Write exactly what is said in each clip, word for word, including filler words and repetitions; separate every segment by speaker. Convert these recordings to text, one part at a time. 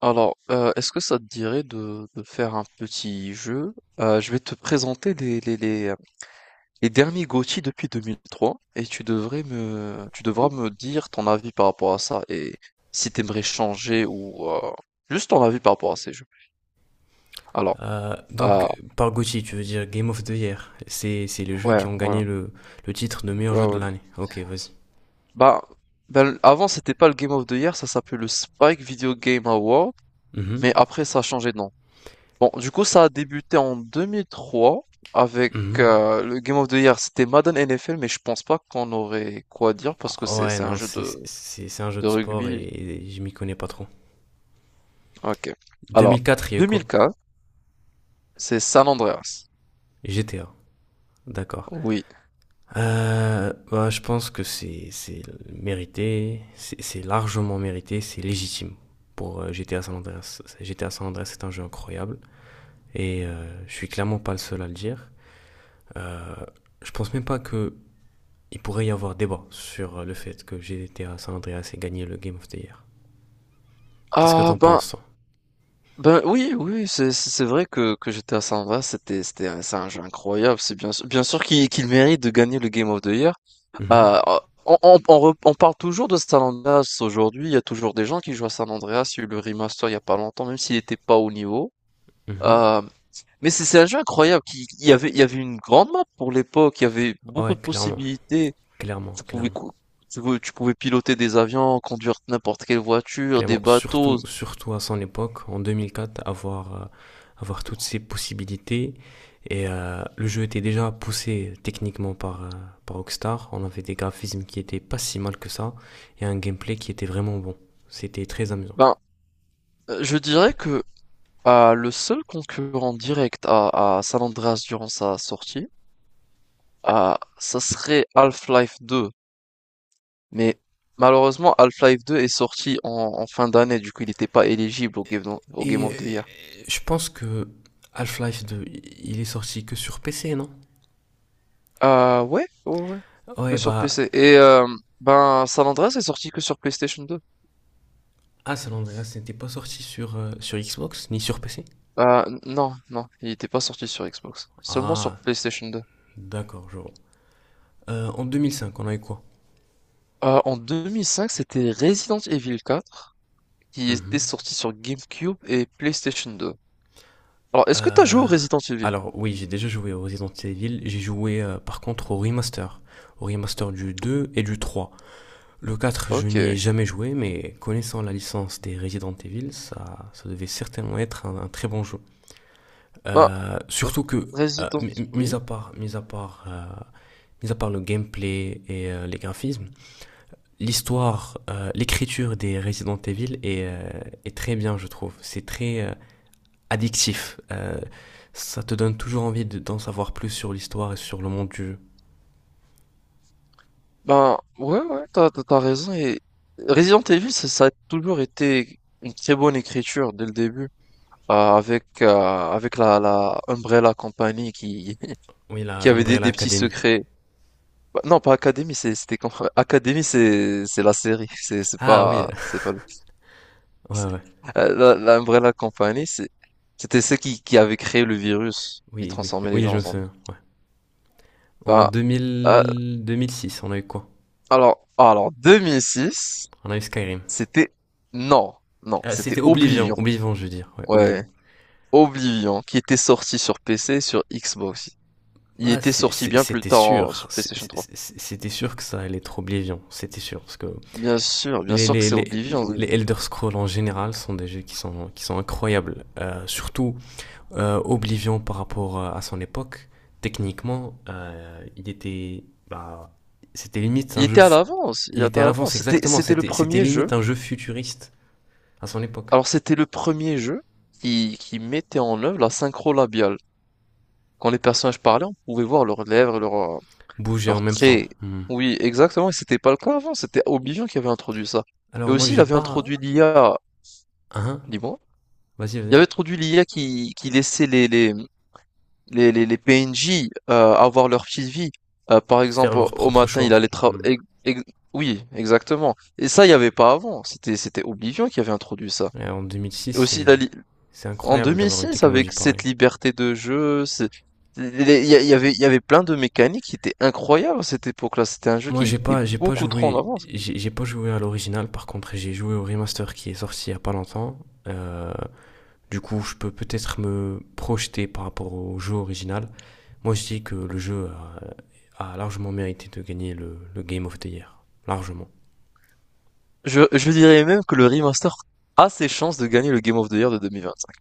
Speaker 1: Alors, euh, est-ce que ça te dirait de, de faire un petit jeu? Euh, je vais te présenter les, les, les, euh, les derniers GOTY depuis deux mille trois et tu devrais me, tu devras me dire ton avis par rapport à ça et si t'aimerais changer ou euh, juste ton avis par rapport à ces jeux. Alors,
Speaker 2: Euh,
Speaker 1: euh,
Speaker 2: donc, par G O T Y, tu veux dire Game of the Year. C'est, c'est les jeux
Speaker 1: ouais,
Speaker 2: qui ont
Speaker 1: ouais,
Speaker 2: gagné le, le titre de meilleur
Speaker 1: ouais,
Speaker 2: jeu de
Speaker 1: ouais.
Speaker 2: l'année. Ok, vas-y.
Speaker 1: Bah, ben, avant c'était pas le Game of the Year, ça s'appelait le Spike Video Game Award,
Speaker 2: Mhm,
Speaker 1: mais après ça a changé de nom. Bon, du coup, ça a débuté en deux mille trois avec
Speaker 2: mhm.
Speaker 1: euh, le Game of the Year. C'était Madden N F L, mais je pense pas qu'on aurait quoi dire parce que
Speaker 2: Ah,
Speaker 1: c'est
Speaker 2: ouais,
Speaker 1: c'est un
Speaker 2: non,
Speaker 1: jeu
Speaker 2: c'est,
Speaker 1: de,
Speaker 2: c'est, c'est un jeu
Speaker 1: de
Speaker 2: de sport et,
Speaker 1: rugby.
Speaker 2: et je m'y connais pas trop.
Speaker 1: Ok. Alors,
Speaker 2: deux mille quatre, il y a eu quoi?
Speaker 1: deux mille quatre, c'est San Andreas.
Speaker 2: G T A, d'accord.
Speaker 1: Oui.
Speaker 2: Euh, bah, je pense que c'est, c'est mérité, c'est, c'est largement mérité, c'est légitime pour euh, G T A San Andreas. G T A San Andreas est un jeu incroyable et euh, je suis clairement pas le seul à le dire. Euh, je pense même pas que il pourrait y avoir débat sur euh, le fait que G T A San Andreas ait gagné le Game of the Year. Qu'est-ce que
Speaker 1: Ah
Speaker 2: t'en
Speaker 1: ben
Speaker 2: penses, toi?
Speaker 1: ben oui, oui, oui, c'est c'est c'est vrai que que j'étais à San Andreas. C'était c'était un- c'est un jeu incroyable. C'est bien sûr- bien sûr qu'il qu'il mérite de gagner le Game of the Year.
Speaker 2: Mhm,
Speaker 1: Bah, euh, on, on, on rep- on parle toujours de San Andreas aujourd'hui. Il y a toujours des gens qui jouent à San Andreas. Il y a eu le remaster il y a pas longtemps, même s'il n'était pas au niveau.
Speaker 2: mhm.
Speaker 1: Euh, mais c'est c'est un jeu incroyable. Qui, il y avait, Il y avait une grande map pour l'époque. Il y avait beaucoup
Speaker 2: Ouais,
Speaker 1: de
Speaker 2: clairement,
Speaker 1: possibilités.
Speaker 2: clairement,
Speaker 1: Tu pouvais,
Speaker 2: clairement.
Speaker 1: cou- tu, pouvais tu pouvais piloter des avions, conduire n'importe quelle voiture, des
Speaker 2: Clairement,
Speaker 1: bateaux.
Speaker 2: surtout, surtout à son époque, en deux mille quatre, avoir, euh, avoir toutes ces possibilités. Et euh, le jeu était déjà poussé techniquement par, euh, par Rockstar. On avait des graphismes qui étaient pas si mal que ça et un gameplay qui était vraiment bon. C'était très amusant.
Speaker 1: Ben, euh, je dirais que euh, le seul concurrent direct à, à San Andreas durant sa sortie, euh, ça serait Half-Life deux. Mais malheureusement, Half-Life deux est sorti en, en fin d'année, du coup il n'était pas éligible au Game, of- au Game
Speaker 2: Et euh,
Speaker 1: of the Year.
Speaker 2: je pense que Half-Life deux, il est sorti que sur P C, non?
Speaker 1: Ah ouais, ouais, ouais,
Speaker 2: Ah,
Speaker 1: que
Speaker 2: ouais,
Speaker 1: sur
Speaker 2: bah,
Speaker 1: P C. Et euh, ben San Andreas est sorti que sur PlayStation deux.
Speaker 2: ah, San Andreas n'était pas sorti sur, euh, sur Xbox ni sur P C.
Speaker 1: Ah non, non, il n'était pas sorti sur Xbox, seulement sur
Speaker 2: Ah,
Speaker 1: PlayStation deux.
Speaker 2: d'accord, je vois. Euh, en deux mille cinq, on avait quoi?
Speaker 1: Euh, en deux mille cinq, c'était Resident Evil quatre qui était
Speaker 2: Mhm.
Speaker 1: sorti sur GameCube et PlayStation deux. Alors, est-ce que t'as joué au
Speaker 2: Euh,
Speaker 1: Resident Evil?
Speaker 2: alors, oui, j'ai déjà joué au Resident Evil. J'ai joué, euh, par contre, au remaster. Au remaster du deux et du trois. Le quatre, je n'y
Speaker 1: Ok.
Speaker 2: ai jamais joué, mais connaissant la licence des Resident Evil, ça, ça devait certainement être un, un très bon jeu.
Speaker 1: Bah,
Speaker 2: Euh,
Speaker 1: R-
Speaker 2: surtout que, euh,
Speaker 1: Resident...
Speaker 2: mi- mis à
Speaker 1: Oui.
Speaker 2: part, mis à part, euh, mis à part le gameplay et euh, les graphismes, l'histoire, euh, l'écriture des Resident Evil est, euh, est très bien, je trouve. C'est très euh, addictif. Euh, ça te donne toujours envie de- d'en savoir plus sur l'histoire et sur le monde du jeu.
Speaker 1: Ben ouais, ouais, t'as, t'as t'as raison. Et Resident Evil, ça, ça a toujours été une très bonne écriture dès le début, euh, avec euh, avec la, la Umbrella Company qui
Speaker 2: Oui,
Speaker 1: qui
Speaker 2: la
Speaker 1: avait des,
Speaker 2: Umbrella
Speaker 1: des petits
Speaker 2: Academy.
Speaker 1: secrets. Bah, non, pas Academy, c'est c'était quand, Academy, c'est c'est la série, c'est c'est
Speaker 2: Ah oui,
Speaker 1: pas c'est pas le.
Speaker 2: ouais,
Speaker 1: c'est-
Speaker 2: ouais.
Speaker 1: Euh, La, la Umbrella Company, c'est c'était ceux qui qui avaient créé le virus qui
Speaker 2: Oui, oui,
Speaker 1: transformait les
Speaker 2: oui,
Speaker 1: gens
Speaker 2: je
Speaker 1: en
Speaker 2: me
Speaker 1: zombies.
Speaker 2: souviens. Ouais. En
Speaker 1: Bah, euh,
Speaker 2: deux mille, deux mille six, on a eu quoi?
Speaker 1: alors alors deux mille six.
Speaker 2: On a eu Skyrim.
Speaker 1: C'était Non, non,
Speaker 2: Ah,
Speaker 1: c'était
Speaker 2: c'était
Speaker 1: Oblivion.
Speaker 2: Oblivion, Oblivion, je veux dire. Ouais,
Speaker 1: Ouais,
Speaker 2: Oblivion.
Speaker 1: Oblivion, qui était sorti sur P C et sur Xbox. Il
Speaker 2: Bah,
Speaker 1: était
Speaker 2: c'est-
Speaker 1: sorti
Speaker 2: c'est-
Speaker 1: bien plus
Speaker 2: c'était
Speaker 1: tard en-
Speaker 2: sûr.
Speaker 1: sur
Speaker 2: C'est-
Speaker 1: PlayStation trois.
Speaker 2: c'est- C'était sûr que ça allait être Oblivion. C'était sûr. Parce que
Speaker 1: Bien sûr, bien
Speaker 2: Les,
Speaker 1: sûr que
Speaker 2: les,
Speaker 1: c'est
Speaker 2: les,
Speaker 1: Oblivion.
Speaker 2: les Elder Scrolls en général sont des jeux qui sont, qui sont incroyables. Euh, surtout euh, Oblivion par rapport euh, à son époque. Techniquement, euh, il était. Bah, c'était limite
Speaker 1: Il
Speaker 2: un jeu
Speaker 1: était à
Speaker 2: fu-
Speaker 1: l'avance, il
Speaker 2: Il
Speaker 1: était
Speaker 2: était à
Speaker 1: à
Speaker 2: l'avance,
Speaker 1: l'avance. C'était,
Speaker 2: exactement.
Speaker 1: c'était le
Speaker 2: C'était, c'était
Speaker 1: premier
Speaker 2: limite
Speaker 1: jeu.
Speaker 2: un jeu futuriste à son époque.
Speaker 1: Alors c'était le premier jeu qui, qui mettait en œuvre la synchro labiale. Quand les personnages parlaient, on pouvait voir leurs lèvres, leurs, euh,
Speaker 2: Bouger en
Speaker 1: leurs
Speaker 2: même temps.
Speaker 1: traits.
Speaker 2: Hmm.
Speaker 1: Oui, exactement. Et c'était pas le cas avant. C'était Oblivion qui avait introduit ça. Et
Speaker 2: Alors, moi,
Speaker 1: aussi, il
Speaker 2: j'ai
Speaker 1: avait
Speaker 2: pas.
Speaker 1: introduit l'I A.
Speaker 2: Hein?
Speaker 1: Dis
Speaker 2: Vas-y,
Speaker 1: Il
Speaker 2: vas-y.
Speaker 1: avait introduit l'I A qui, qui laissait les, les, les, les, les P N J, euh, avoir leur petite vie. Euh, par
Speaker 2: Faire
Speaker 1: exemple, au
Speaker 2: leur
Speaker 1: au
Speaker 2: propre
Speaker 1: matin, il
Speaker 2: choix.
Speaker 1: allait
Speaker 2: Hmm.
Speaker 1: travailler. Oui, exactement. Et ça, il n'y avait pas avant. C'était, c'était Oblivion qui avait introduit ça.
Speaker 2: Et en deux mille six,
Speaker 1: Et aussi,
Speaker 2: c'est,
Speaker 1: la, li-
Speaker 2: c'est
Speaker 1: en
Speaker 2: incroyable d'avoir une
Speaker 1: deux mille six,
Speaker 2: technologie
Speaker 1: avec cette
Speaker 2: pareille.
Speaker 1: liberté de jeu, c'est- les- il y, a- il y avait, il y avait plein de mécaniques qui étaient incroyables à cette époque-là. C'était un jeu
Speaker 2: Moi,
Speaker 1: qui
Speaker 2: j'ai
Speaker 1: était
Speaker 2: pas, j'ai pas
Speaker 1: beaucoup trop en
Speaker 2: joué,
Speaker 1: avance.
Speaker 2: j'ai j'ai pas joué à l'original. Par contre, j'ai joué au remaster qui est sorti il y a pas longtemps. Euh, du coup, je peux peut-être me projeter par rapport au jeu original. Moi, je dis que le jeu a, a largement mérité de gagner le, le Game of the Year, largement.
Speaker 1: Je, je dirais même que le remaster a ses chances de gagner le Game of the Year de deux mille vingt-cinq.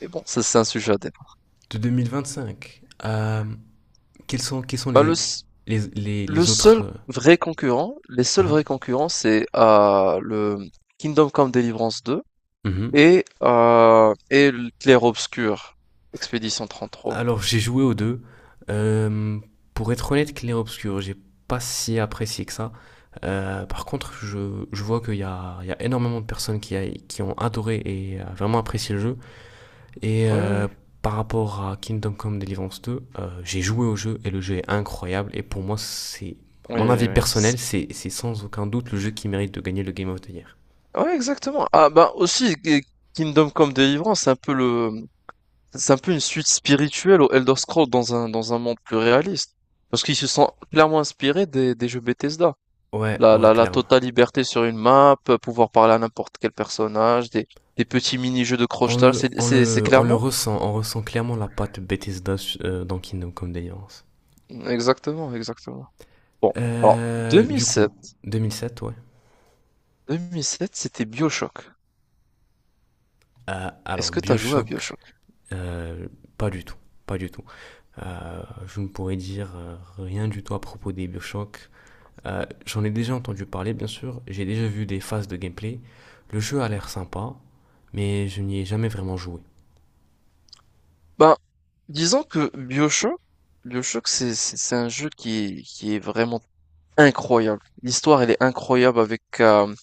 Speaker 1: Mais bon, ça c'est un sujet à débat.
Speaker 2: De deux mille vingt-cinq, euh, quels sont, quels sont
Speaker 1: Bah, le,
Speaker 2: les, les, les,
Speaker 1: Le
Speaker 2: les autres,
Speaker 1: seul
Speaker 2: euh,
Speaker 1: vrai concurrent, les seuls
Speaker 2: hein?
Speaker 1: vrais concurrents, c'est euh, le Kingdom Come Deliverance deux
Speaker 2: Mhm.
Speaker 1: et, euh, et le Clair Obscur, Expédition trente-trois.
Speaker 2: Alors, j'ai joué aux deux. Euh, pour être honnête, Clair Obscur, j'ai pas si apprécié que ça. Euh, par contre, je, je vois qu'il y a, il y a énormément de personnes qui, a- qui ont adoré et euh, vraiment apprécié le jeu. Et
Speaker 1: Oui,
Speaker 2: euh,
Speaker 1: oui.
Speaker 2: par rapport à Kingdom Come Deliverance deux, euh, j'ai joué au jeu et le jeu est incroyable. Et pour moi, c'est
Speaker 1: Oui,
Speaker 2: mon avis
Speaker 1: oui.
Speaker 2: personnel,
Speaker 1: c'est-
Speaker 2: c'est c'est sans aucun doute le jeu qui mérite de gagner le Game of the Year.
Speaker 1: Ouais, exactement. Ah, bah aussi, et Kingdom Come Deliverance, c'est un peu le, c'est un peu une suite spirituelle au Elder Scrolls dans un, dans un monde plus réaliste. Parce qu'ils se sont clairement inspirés des, des jeux Bethesda.
Speaker 2: Ouais,
Speaker 1: la,
Speaker 2: ouais,
Speaker 1: la, la
Speaker 2: clairement.
Speaker 1: totale liberté sur une map, euh, pouvoir parler à n'importe quel personnage, des, des petits mini-jeux de
Speaker 2: On
Speaker 1: crochetage,
Speaker 2: le,
Speaker 1: c'est,
Speaker 2: on
Speaker 1: c'est, c'est
Speaker 2: le, on le
Speaker 1: clairement?
Speaker 2: ressent, on ressent clairement la patte Bethesda euh, dans Kingdom Come Deliverance.
Speaker 1: Exactement, exactement. Bon, alors
Speaker 2: Euh, du coup,
Speaker 1: deux mille sept,
Speaker 2: deux mille sept, ouais.
Speaker 1: deux mille sept, c'était BioShock.
Speaker 2: Euh, alors,
Speaker 1: Est-ce que t'as joué à
Speaker 2: Bioshock,
Speaker 1: BioShock?
Speaker 2: euh, pas du tout. Pas du tout. Euh, je ne pourrais dire euh, rien du tout à propos des Bioshock. Euh, J'en ai déjà entendu parler, bien sûr. J'ai déjà vu des phases de gameplay. Le jeu a l'air sympa, mais je n'y ai jamais vraiment joué.
Speaker 1: Ben, disons que BioShock, BioShock, c'est c'est- c'est un jeu qui est, qui est vraiment incroyable. L'histoire, elle est incroyable avec, euh,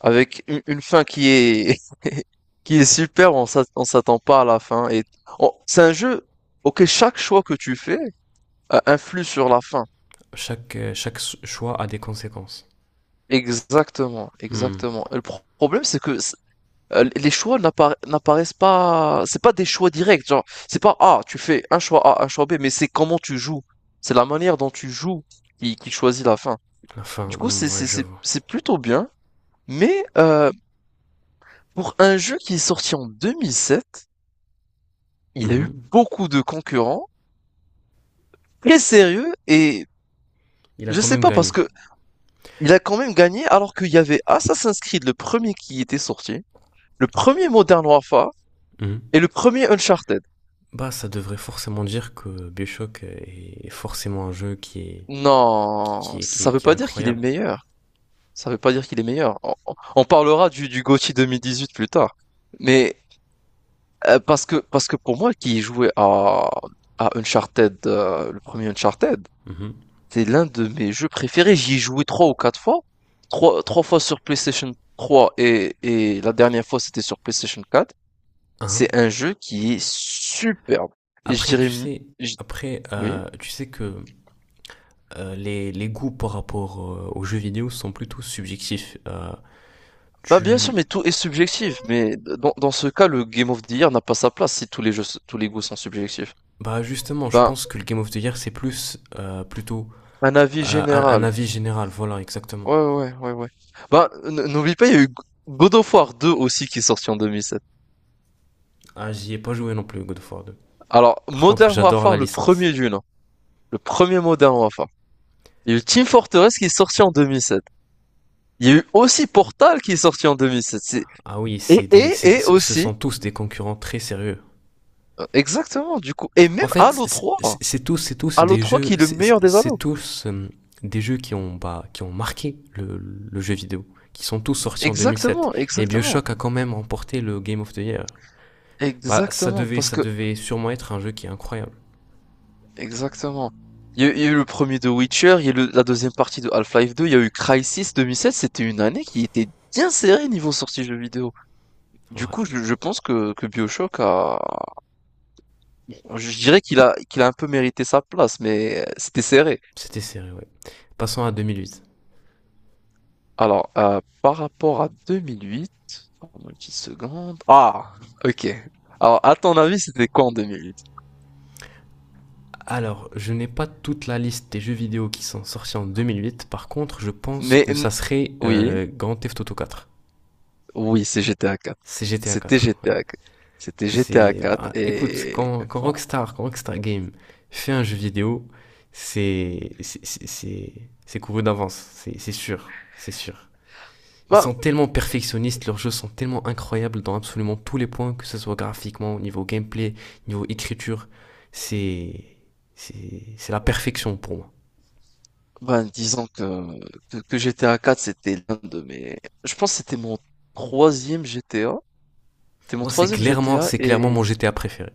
Speaker 1: Avec une, une fin qui est qui est super, on s'att- on s'attend pas à la fin et on- c'est un jeu auquel chaque choix que tu fais euh, influe sur la fin.
Speaker 2: Chaque, euh, chaque s- choix a des conséquences.
Speaker 1: Exactement,
Speaker 2: Hmm.
Speaker 1: exactement. Et Le pro- problème c'est que c'est- euh, les choix n'appara- n'apparaissent pas, c'est pas des choix directs, genre c'est pas, ah, tu fais un choix A, un choix B, mais c'est comment tu joues. C'est la manière dont tu joues qui, qui choisit la fin.
Speaker 2: Enfin,
Speaker 1: Du coup,
Speaker 2: hmm,
Speaker 1: c'est
Speaker 2: ouais,
Speaker 1: c'est
Speaker 2: je
Speaker 1: c'est
Speaker 2: vois.
Speaker 1: c'est plutôt bien, mais euh, pour un jeu qui est sorti en deux mille sept, Il a eu
Speaker 2: Mhm.
Speaker 1: beaucoup de concurrents très sérieux et
Speaker 2: Il a
Speaker 1: je
Speaker 2: quand
Speaker 1: sais
Speaker 2: même
Speaker 1: pas parce
Speaker 2: gagné.
Speaker 1: que il a quand même gagné alors qu'il y avait Assassin's Creed le premier qui était sorti, le premier Modern Warfare
Speaker 2: Mhm.
Speaker 1: et le premier Uncharted.
Speaker 2: Bah, ça devrait forcément dire que Bioshock est forcément un jeu qui est
Speaker 1: Non,
Speaker 2: qui est,
Speaker 1: ça
Speaker 2: qui
Speaker 1: ça
Speaker 2: est,
Speaker 1: veut
Speaker 2: qui est
Speaker 1: pas dire qu'il est
Speaker 2: incroyable.
Speaker 1: meilleur. Ça veut pas dire qu'il est meilleur. On, on- on parlera du, du GOTY deux mille dix-huit plus tard. Mais euh, parce que parce que pour moi qui jouait à à Uncharted, euh, le premier Uncharted,
Speaker 2: Mhm.
Speaker 1: c'est l'un de mes jeux préférés, j'y ai joué trois ou quatre fois. Trois, trois fois sur PlayStation trois et, et la dernière fois c'était sur PlayStation quatre.
Speaker 2: Hein.
Speaker 1: C'est un jeu qui est superbe. Et je
Speaker 2: Après,
Speaker 1: dirais,
Speaker 2: tu
Speaker 1: mi-
Speaker 2: sais,
Speaker 1: je-
Speaker 2: après,
Speaker 1: oui.
Speaker 2: euh, tu sais que euh, les, les goûts par rapport euh, aux jeux vidéo sont plutôt subjectifs. Euh,
Speaker 1: Bah bien sûr,
Speaker 2: tu,
Speaker 1: mais tout est subjectif. Mais dans, dans ce cas, le Game of the Year n'a pas sa place si tous les jeux, tous les goûts sont subjectifs.
Speaker 2: Bah, justement, je
Speaker 1: Ben,
Speaker 2: pense que le Game of the Year c'est plus euh, plutôt
Speaker 1: un avis
Speaker 2: euh, un, un
Speaker 1: général.
Speaker 2: avis général. Voilà, exactement.
Speaker 1: Ouais, ouais, ouais, ouais. Ben, n- n'oublie pas, il y a eu God of War deux aussi qui est sorti en deux mille sept.
Speaker 2: Ah, j'y ai pas joué non plus God of War deux.
Speaker 1: Alors,
Speaker 2: Par contre,
Speaker 1: Modern
Speaker 2: j'adore la
Speaker 1: Warfare, le
Speaker 2: licence.
Speaker 1: premier du nom. Le premier Modern Warfare. Il y a eu Team Fortress qui est sorti en deux mille sept. Il y a eu aussi Portal qui est sorti en deux mille sept. C'est-
Speaker 2: Ah oui, c'est
Speaker 1: Et,
Speaker 2: des,
Speaker 1: et,
Speaker 2: c'est-
Speaker 1: et
Speaker 2: ce
Speaker 1: aussi,
Speaker 2: sont tous des concurrents très sérieux.
Speaker 1: euh, exactement, du coup. Et
Speaker 2: En
Speaker 1: même
Speaker 2: fait,
Speaker 1: Halo trois.
Speaker 2: c'est- tous, c'est tous
Speaker 1: Halo
Speaker 2: des
Speaker 1: trois
Speaker 2: jeux,
Speaker 1: qui est le meilleur des
Speaker 2: c'est
Speaker 1: Halo.
Speaker 2: tous euh, des jeux qui ont, bah, qui ont marqué le, le jeu vidéo, qui sont tous sortis en deux mille sept.
Speaker 1: Exactement,
Speaker 2: Et
Speaker 1: exactement.
Speaker 2: BioShock a quand même remporté le Game of the Year. Bah, ça
Speaker 1: Exactement,
Speaker 2: devait,
Speaker 1: parce
Speaker 2: ça
Speaker 1: que,
Speaker 2: devait sûrement être un jeu qui est incroyable.
Speaker 1: exactement. Il y a, eu il y a eu le premier de Witcher, il y a eu le- la deuxième partie de Half-Life deux, il y a eu Crysis deux mille sept, c'était une année qui était bien serrée niveau sortie jeux vidéo.
Speaker 2: En
Speaker 1: Du
Speaker 2: vrai,
Speaker 1: coup, je, je pense que, que BioShock a, je dirais qu'il a, qu'il a un peu mérité sa place, mais euh, c'était serré.
Speaker 2: c'était serré, ouais. Passons à deux mille huit.
Speaker 1: Alors, heu, par rapport à deux mille huit, donne-moi une petite seconde. Ah! OK. Alors, à ton avis, c'était quoi en deux mille huit?
Speaker 2: Alors, je n'ai pas toute la liste des jeux vidéo qui sont sortis en deux mille huit. Par contre, je pense
Speaker 1: Mais
Speaker 2: que
Speaker 1: n
Speaker 2: ça serait
Speaker 1: Oui,
Speaker 2: euh, Grand Theft Auto quatre.
Speaker 1: oui, c'est G T A quatre.
Speaker 2: C'est G T A
Speaker 1: C'était
Speaker 2: quatre, oui.
Speaker 1: G T A quatre. C'était G T A
Speaker 2: C'est,
Speaker 1: quatre
Speaker 2: bah, écoute,
Speaker 1: et
Speaker 2: quand, quand
Speaker 1: bon,
Speaker 2: Rockstar, quand Rockstar Game fait un jeu vidéo, c'est, c'est, c'est, c'est- c'est couru d'avance, c'est c'est sûr, c'est sûr. Ils
Speaker 1: bah,
Speaker 2: sont tellement perfectionnistes, leurs jeux sont tellement incroyables dans absolument tous les points, que ce soit graphiquement, au niveau gameplay, niveau écriture, c'est, c'est, c'est la perfection pour moi.
Speaker 1: ben, disons que que que G T A quatre, c'était l'un de mes je pense que c'était mon troisième G T A. C'était mon
Speaker 2: Moi, c'est
Speaker 1: troisième
Speaker 2: clairement,
Speaker 1: G T A
Speaker 2: c'est clairement mon
Speaker 1: et
Speaker 2: G T A préféré.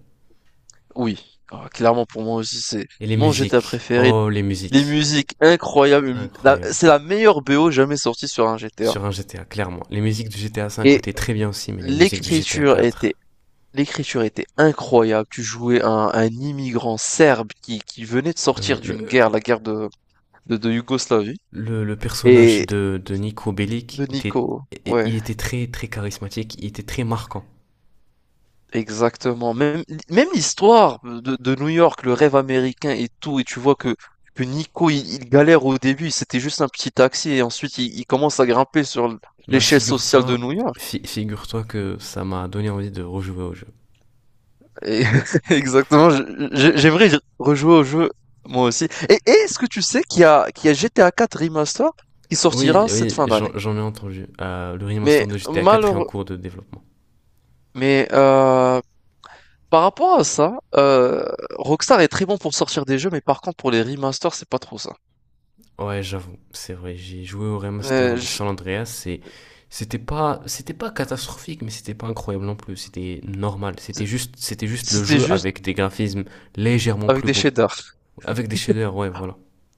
Speaker 1: oui, ah, clairement pour moi aussi, c'est
Speaker 2: Et les
Speaker 1: mon G T A
Speaker 2: musiques,
Speaker 1: préféré.
Speaker 2: oh les
Speaker 1: Des
Speaker 2: musiques,
Speaker 1: musiques incroyables, une- la-
Speaker 2: incroyable.
Speaker 1: c'est la meilleure B O jamais sortie sur un G T A.
Speaker 2: Sur un G T A, clairement. Les musiques du G T A cinq
Speaker 1: Et
Speaker 2: étaient très bien aussi, mais les musiques du G T A
Speaker 1: l'écriture était,
Speaker 2: quatre.
Speaker 1: l'écriture était incroyable. Tu jouais un, un immigrant serbe qui, qui venait de
Speaker 2: Oui,
Speaker 1: sortir
Speaker 2: le,
Speaker 1: d'une guerre, la guerre de, de, de Yougoslavie,
Speaker 2: le, le personnage
Speaker 1: et
Speaker 2: de, de Nico Bellic
Speaker 1: de
Speaker 2: était,
Speaker 1: Nico. Ouais,
Speaker 2: il était très très charismatique, il était très marquant.
Speaker 1: exactement. Même, même l'histoire de, de New York, le rêve américain et tout, et tu vois que, que Nico, il, il galère au début, c'était juste un petit taxi, et ensuite il, il commence à grimper sur
Speaker 2: Bah,
Speaker 1: l'échelle sociale de
Speaker 2: figure-toi,
Speaker 1: New York.
Speaker 2: fi- figure-toi que ça m'a donné envie de rejouer au jeu.
Speaker 1: Et exactement, je je j'aimerais y rejouer au jeu, moi aussi. Et et est-ce que tu sais qu'il y a qu'il y a G T A quatre Remaster qui
Speaker 2: Oui,
Speaker 1: sortira cette
Speaker 2: oui,
Speaker 1: fin d'année?
Speaker 2: j'en j'en ai entendu. Euh, le remaster
Speaker 1: Mais
Speaker 2: de G T A quatre est en
Speaker 1: malheureux,
Speaker 2: cours de développement.
Speaker 1: mais euh, par rapport à ça, euh, Rockstar est très bon pour sortir des jeux, mais par contre pour les remasters, c'est pas trop ça.
Speaker 2: Ouais, j'avoue, c'est vrai. J'ai joué au remaster
Speaker 1: Euh,
Speaker 2: de
Speaker 1: je-
Speaker 2: San Andreas et c'était pas, c'était pas catastrophique, mais c'était pas incroyable non plus. C'était normal. C'était juste, c'était juste le
Speaker 1: C'était
Speaker 2: jeu
Speaker 1: juste
Speaker 2: avec des graphismes légèrement
Speaker 1: avec
Speaker 2: plus
Speaker 1: des
Speaker 2: beaux.
Speaker 1: shaders.
Speaker 2: Avec des shaders, ouais, voilà.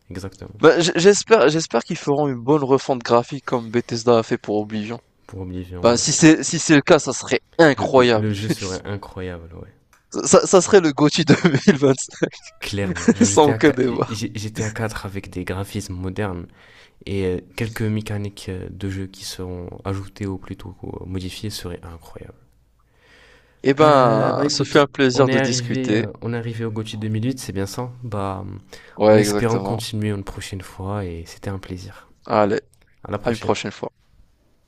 Speaker 2: Exactement.
Speaker 1: Bah, j- j'espère j'espère qu'ils feront une bonne refonte graphique comme Bethesda a fait pour Oblivion.
Speaker 2: Pour Oblivion,
Speaker 1: Bah,
Speaker 2: ouais.
Speaker 1: si c'est si c'est le cas, ça serait
Speaker 2: Le, le- le
Speaker 1: incroyable.
Speaker 2: jeu serait incroyable, ouais.
Speaker 1: Ça, ça serait le GOTY deux mille vingt-cinq.
Speaker 2: Clairement.
Speaker 1: Sans
Speaker 2: J'étais à
Speaker 1: aucun
Speaker 2: quatre
Speaker 1: débat.
Speaker 2: avec des graphismes modernes et euh, quelques mécaniques euh, de jeu qui seront ajoutées ou plutôt euh, modifiées seraient incroyables.
Speaker 1: Eh
Speaker 2: Euh,
Speaker 1: ben,
Speaker 2: bah,
Speaker 1: ce
Speaker 2: écoute,
Speaker 1: fut un
Speaker 2: on
Speaker 1: plaisir
Speaker 2: est
Speaker 1: de
Speaker 2: arrivé,
Speaker 1: discuter.
Speaker 2: euh, on est arrivé au G O T Y deux mille huit, c'est bien ça? Bah, en
Speaker 1: Ouais,
Speaker 2: espérant
Speaker 1: exactement.
Speaker 2: continuer une prochaine fois et c'était un plaisir.
Speaker 1: Allez,
Speaker 2: À la
Speaker 1: à une
Speaker 2: prochaine.
Speaker 1: prochaine fois.